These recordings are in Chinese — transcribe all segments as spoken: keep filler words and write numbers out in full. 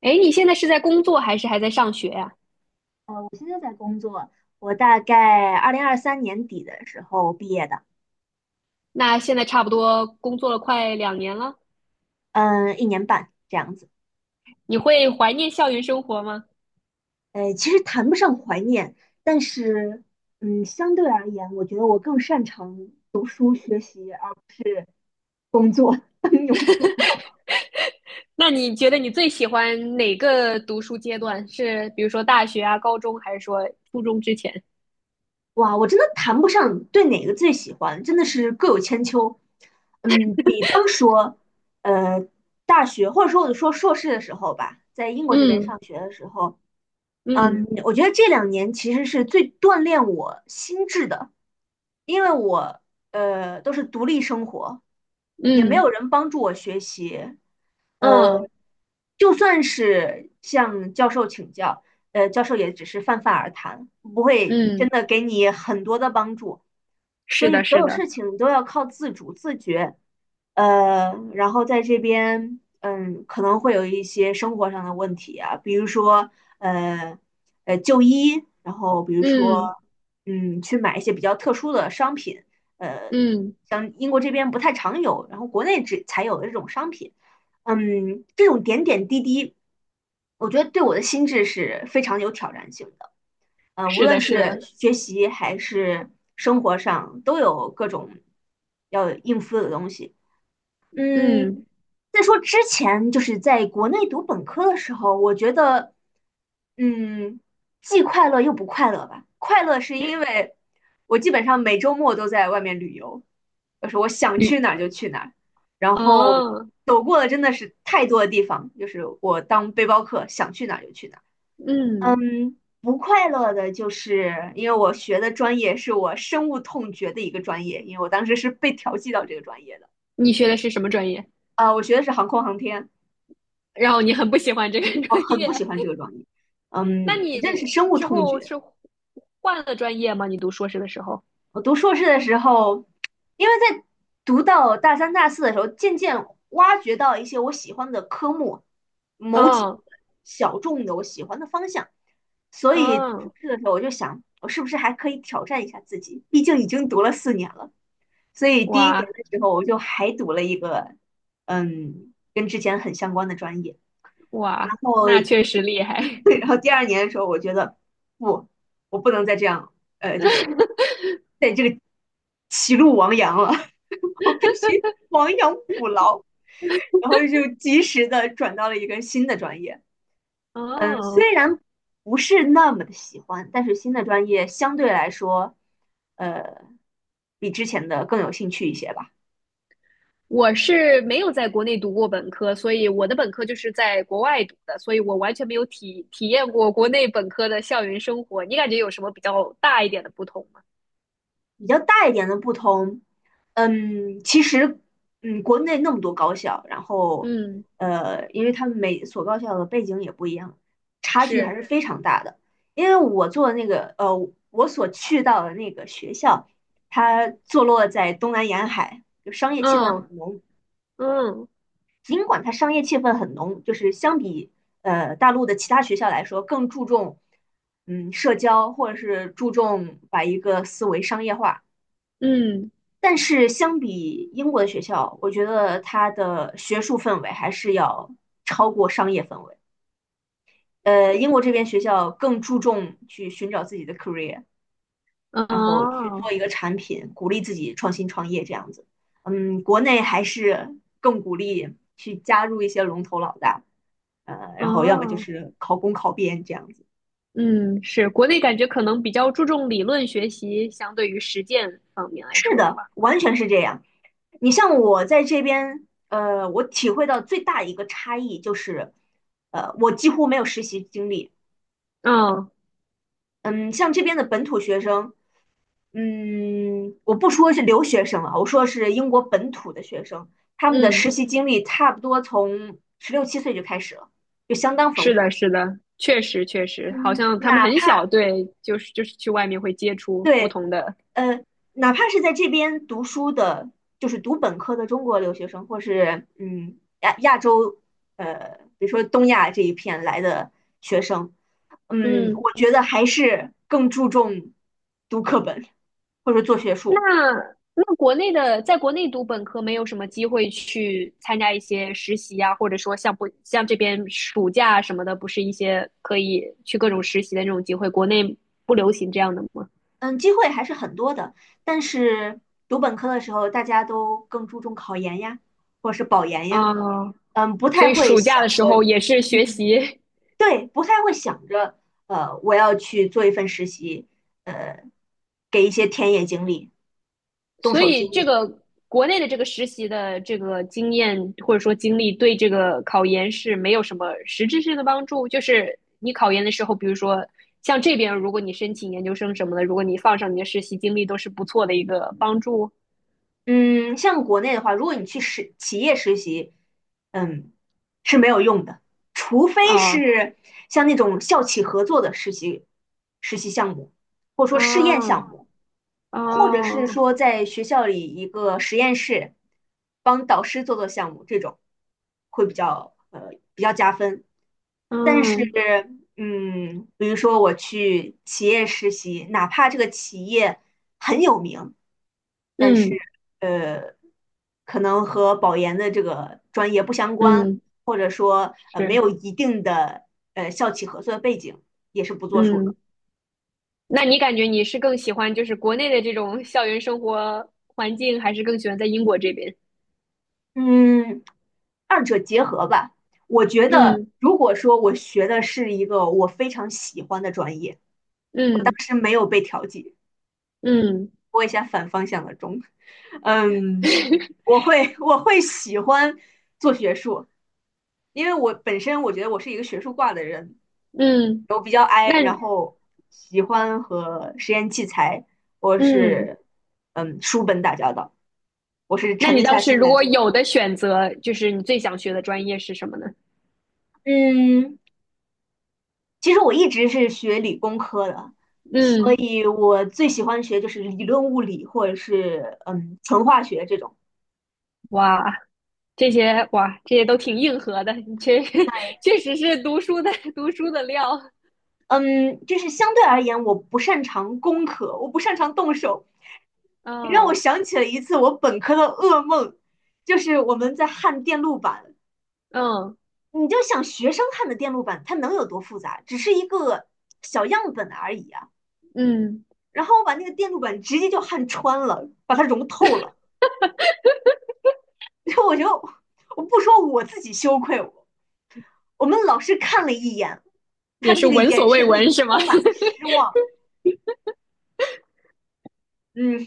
哎，你现在是在工作还是还在上学呀？我现在在工作，我大概二零二三年底的时候毕业的，那现在差不多工作了快两年了，嗯，一年半这样子。你会怀念校园生活吗？呃，其实谈不上怀念，但是，嗯，相对而言，我觉得我更擅长读书学习，而不是工作当牛做。那你觉得你最喜欢哪个读书阶段？是比如说大学啊、高中，还是说初中之前？哇，我真的谈不上对哪个最喜欢，真的是各有千秋。嗯，比方说，呃，大学或者说我说硕士的时候吧，在英国这边嗯，上学的时候，嗯，嗯，我觉得这两年其实是最锻炼我心智的，因为我呃都是独立生活，也没嗯，有人帮助我学习，嗯，就算是向教授请教，呃，教授也只是泛泛而谈，不会真嗯，的给你很多的帮助。所是以的，所是有的。事情都要靠自主自觉，呃，然后在这边，嗯，可能会有一些生活上的问题啊，比如说，呃，呃，就医，然后比如说，嗯，嗯，去买一些比较特殊的商品，呃，嗯，像英国这边不太常有，然后国内只才有的这种商品，嗯，这种点点滴滴，我觉得对我的心智是非常有挑战性的。呃，无是论的，是的。是学习还是生活上，都有各种要应付的东西。嗯，嗯。再说之前就是在国内读本科的时候，我觉得，嗯，既快乐又不快乐吧。快乐是因为我基本上每周末都在外面旅游，就是我想旅去哪儿就去哪儿，然后啊。走过了真的是太多的地方，就是我当背包客，想去哪儿就去哪儿。嗯，嗯，不快乐的就是因为我学的专业是我深恶痛绝的一个专业，因为我当时是被调剂到这个专业的。你学的是什么专业？呃，我学的是航空航天，然后你很不喜欢这个 我专很业。不喜欢这个专业。那嗯，我你真的是深恶之痛后绝。是换了专业吗？你读硕士的时候？我读硕士的时候，因为在读到大三、大四的时候，渐渐挖掘到一些我喜欢的科目，某几个嗯，小众的我喜欢的方向，所以读硕嗯。士的时候我就想，我是不是还可以挑战一下自己？毕竟已经读了四年了。所以第一哇，年的时候，我就还读了一个，嗯，跟之前很相关的专业。然哇，后，那确实厉害。对，然后第二年的时候，我觉得不，我不能再这样，呃，就是在这个歧路亡羊了，我必须亡羊补牢。然后就及时的转到了一个新的专业。嗯，哦，虽然不是那么的喜欢，但是新的专业相对来说，呃，比之前的更有兴趣一些吧。我是没有在国内读过本科，所以我的本科就是在国外读的，所以我完全没有体体验过国内本科的校园生活。你感觉有什么比较大一点的不同吗？比较大一点的不同，嗯，其实，嗯，国内那么多高校，然后，嗯，呃，因为他们每所高校的背景也不一样，差距还是。是非常大的。因为我做的那个，呃，我所去到的那个学校，它坐落在东南沿海，就商业气氛嗯，很浓。嗯，尽管它商业气氛很浓，就是相比呃大陆的其他学校来说，更注重嗯社交，或者是注重把一个思维商业化。嗯。但是相比英国的学校，我觉得它的学术氛围还是要超过商业氛围。呃，英国这边学校更注重去寻找自己的 career，然后去哦，做一个产品，鼓励自己创新创业这样子。嗯，国内还是更鼓励去加入一些龙头老大，呃，然后要么就哦。是考公考编这样子。嗯，是，国内感觉可能比较注重理论学习，相对于实践方面来是说的的，话。完全是这样。你像我在这边，呃，我体会到最大一个差异就是，呃，我几乎没有实习经历。嗯，嗯，像这边的本土学生，嗯，我不说是留学生了，我说是英国本土的学生，他们的嗯，实习经历差不多从十六七岁就开始了，就相当丰是富。的，是的，确实确实，好嗯，像他们哪很怕小，对，就是就是去外面会接触不对同的。呃，哪怕是在这边读书的，就是读本科的中国留学生，或是嗯亚亚洲，呃，比如说东亚这一片来的学生，嗯，嗯，我觉得还是更注重读课本或者做学那术，那国内的，在国内读本科没有什么机会去参加一些实习啊，或者说像不像这边暑假什么的，不是一些可以去各种实习的那种机会，国内不流行这样的吗？嗯，机会还是很多的。但是读本科的时候，大家都更注重考研呀，或者是保研呀，啊。嗯，不所太以会暑假想的时候着，也是学嗯。习？对，不太会想着，呃，我要去做一份实习，呃，给一些田野经历、动所手经以这历。个国内的这个实习的这个经验或者说经历，对这个考研是没有什么实质性的帮助。就是你考研的时候，比如说像这边，如果你申请研究生什么的，如果你放上你的实习经历，都是不错的一个帮助嗯，像国内的话，如果你去实企业实习，嗯，是没有用的，除非啊。是像那种校企合作的实习实习项目，或者说试验哦，项目。或者是哦。说在学校里一个实验室，帮导师做做项目，这种会比较呃比较加分。但是，嗯，嗯，比如说我去企业实习，哪怕这个企业很有名，但是嗯，呃，可能和保研的这个专业不相关，嗯。或者说呃没是。有一定的呃校企合作的背景，也是不作数嗯。的。那你感觉你是更喜欢就是国内的这种校园生活环境，还是更喜欢在英国这边？嗯，二者结合吧。我觉得，嗯，如果说我学的是一个我非常喜欢的专业，当嗯，时没有被调剂，嗯， 播一下反方向的钟，嗯，我会我会喜欢做学术，因为我本身我觉得我是一个学术挂的人，嗯。我比较 I，那然后喜欢和实验器材或嗯，是嗯书本打交道，我是那沉你得倒下是心如来果做。有的选择，就是你最想学的专业是什么呢？嗯，其实我一直是学理工科的，所嗯。以我最喜欢学就是理论物理或者是嗯纯化学这种。哇，这些哇，这些都挺硬核的。你确 确实是读书的读书的料。嗯，就是相对而言，我不擅长工科，我不擅长动手。你让我哦。想起了一次我本科的噩梦，就是我们在焊电路板。嗯，你就想学生焊的电路板，它能有多复杂？只是一个小样本而已啊。嗯，然后我把那个电路板直接就焊穿了，把它融透了。然后我就，我不说我自己羞愧，我们老师看了一眼，他也的是那个闻所眼未神里闻就是吗？充满了失 望。嗯，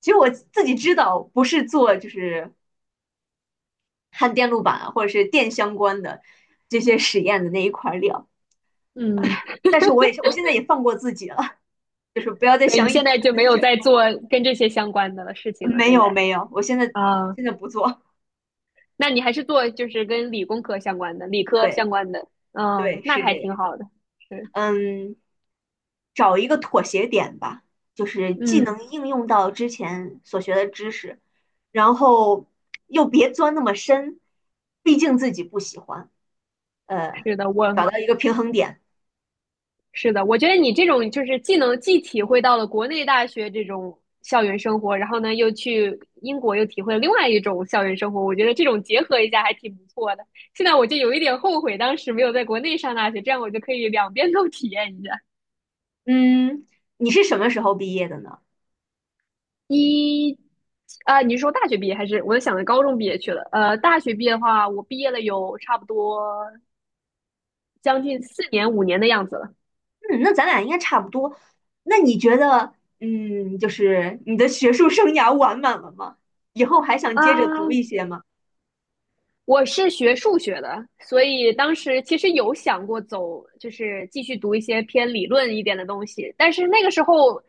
其实我自己知道，不是做就是焊电路板啊或者是电相关的这些实验的那一块料，嗯，但是我也是，我现在也放过自己了，就是不要再所以你想以现前在就的没那有些在噩做梦。跟这些相关的事情了，没现有在没有，我现在啊。现在不做。那你还是做就是跟理工科相关的、理科对相关的。嗯，对，那是还这挺个。好的。是。嗯。找一个妥协点吧，就是既嗯。能应用到之前所学的知识，然后 又别钻那么深，毕竟自己不喜欢。呃，是的，我找到一个平衡点。是的，我觉得你这种就是既能既体会到了国内大学这种校园生活，然后呢又去英国又体会了另外一种校园生活，我觉得这种结合一下还挺不错的。现在我就有一点后悔当时没有在国内上大学，这样我就可以两边都体验一下。嗯，你是什么时候毕业的呢？一啊，你是说大学毕业还是我想着高中毕业去了？呃，大学毕业的话，我毕业了有差不多将近四年五年的样子了。嗯，那咱俩应该差不多。那你觉得，嗯，就是你的学术生涯完满了吗？以后还想啊。接着读一些吗？我是学数学的，所以当时其实有想过走，就是继续读一些偏理论一点的东西。但是那个时候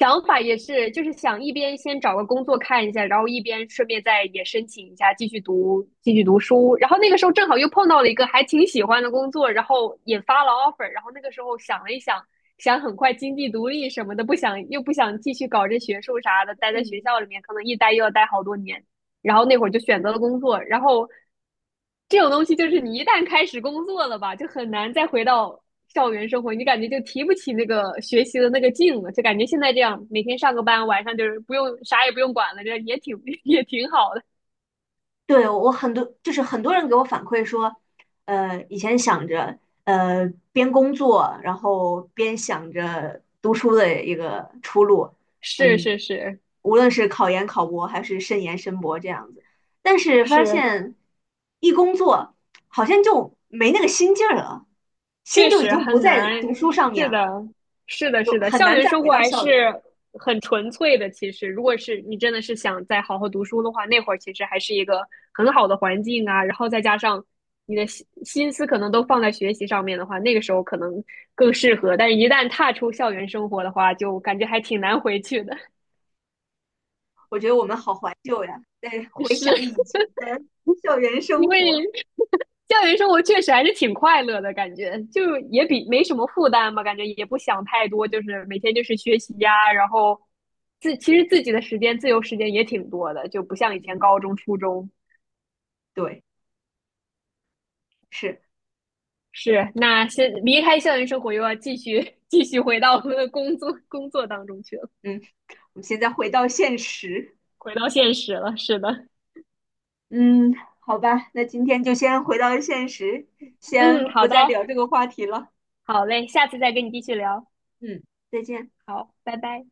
想法也是，就是想一边先找个工作看一下，然后一边顺便再也申请一下继续读继续读书。然后那个时候正好又碰到了一个还挺喜欢的工作，然后也发了 offer。然后那个时候想了一想，想很快经济独立什么的，不想又不想继续搞这学术啥的，待在学嗯。校里面可能一待又要待好多年。然后那会儿就选择了工作，然后这种东西就是你一旦开始工作了吧，就很难再回到校园生活，你感觉就提不起那个学习的那个劲了，就感觉现在这样每天上个班，晚上就是不用啥也不用管了，这也挺 也挺好的。对，我很多就是很多人给我反馈说，呃，以前想着呃边工作，然后边想着读书的一个出路，是嗯，是是无论是考研、考博还是申研、申博这样子，但是发是，现一工作好像就没那个心劲儿了，确心就已实经不很在难。读书上面是了，的。是的，就是的，很校难园再生回活到还校园了。是很纯粹的。其实，如果是你真的是想再好好读书的话，那会儿其实还是一个很好的环境啊。然后再加上你的心心思可能都放在学习上面的话，那个时候可能更适合。但是，一旦踏出校园生活的话，就感觉还挺难回去的。我觉得我们好怀旧呀，在 回想以是，前的校园因生活，为校园 生活确实还是挺快乐的感觉，就也比没什么负担吧，感觉也不想太多，就是每天就是学习呀，然后自其实自己的时间自由时间也挺多的，就不像以前高中、初中。对。是，是，那先离开校园生活，又要继续 继续回到我们的工作工作当中去了。嗯，我们现在回到现实，回到现实了。是的。嗯，好吧，那今天就先回到现实，先嗯，不好的，再聊这个话题了，好嘞，下次再跟你继续聊。嗯，再见。好，拜拜。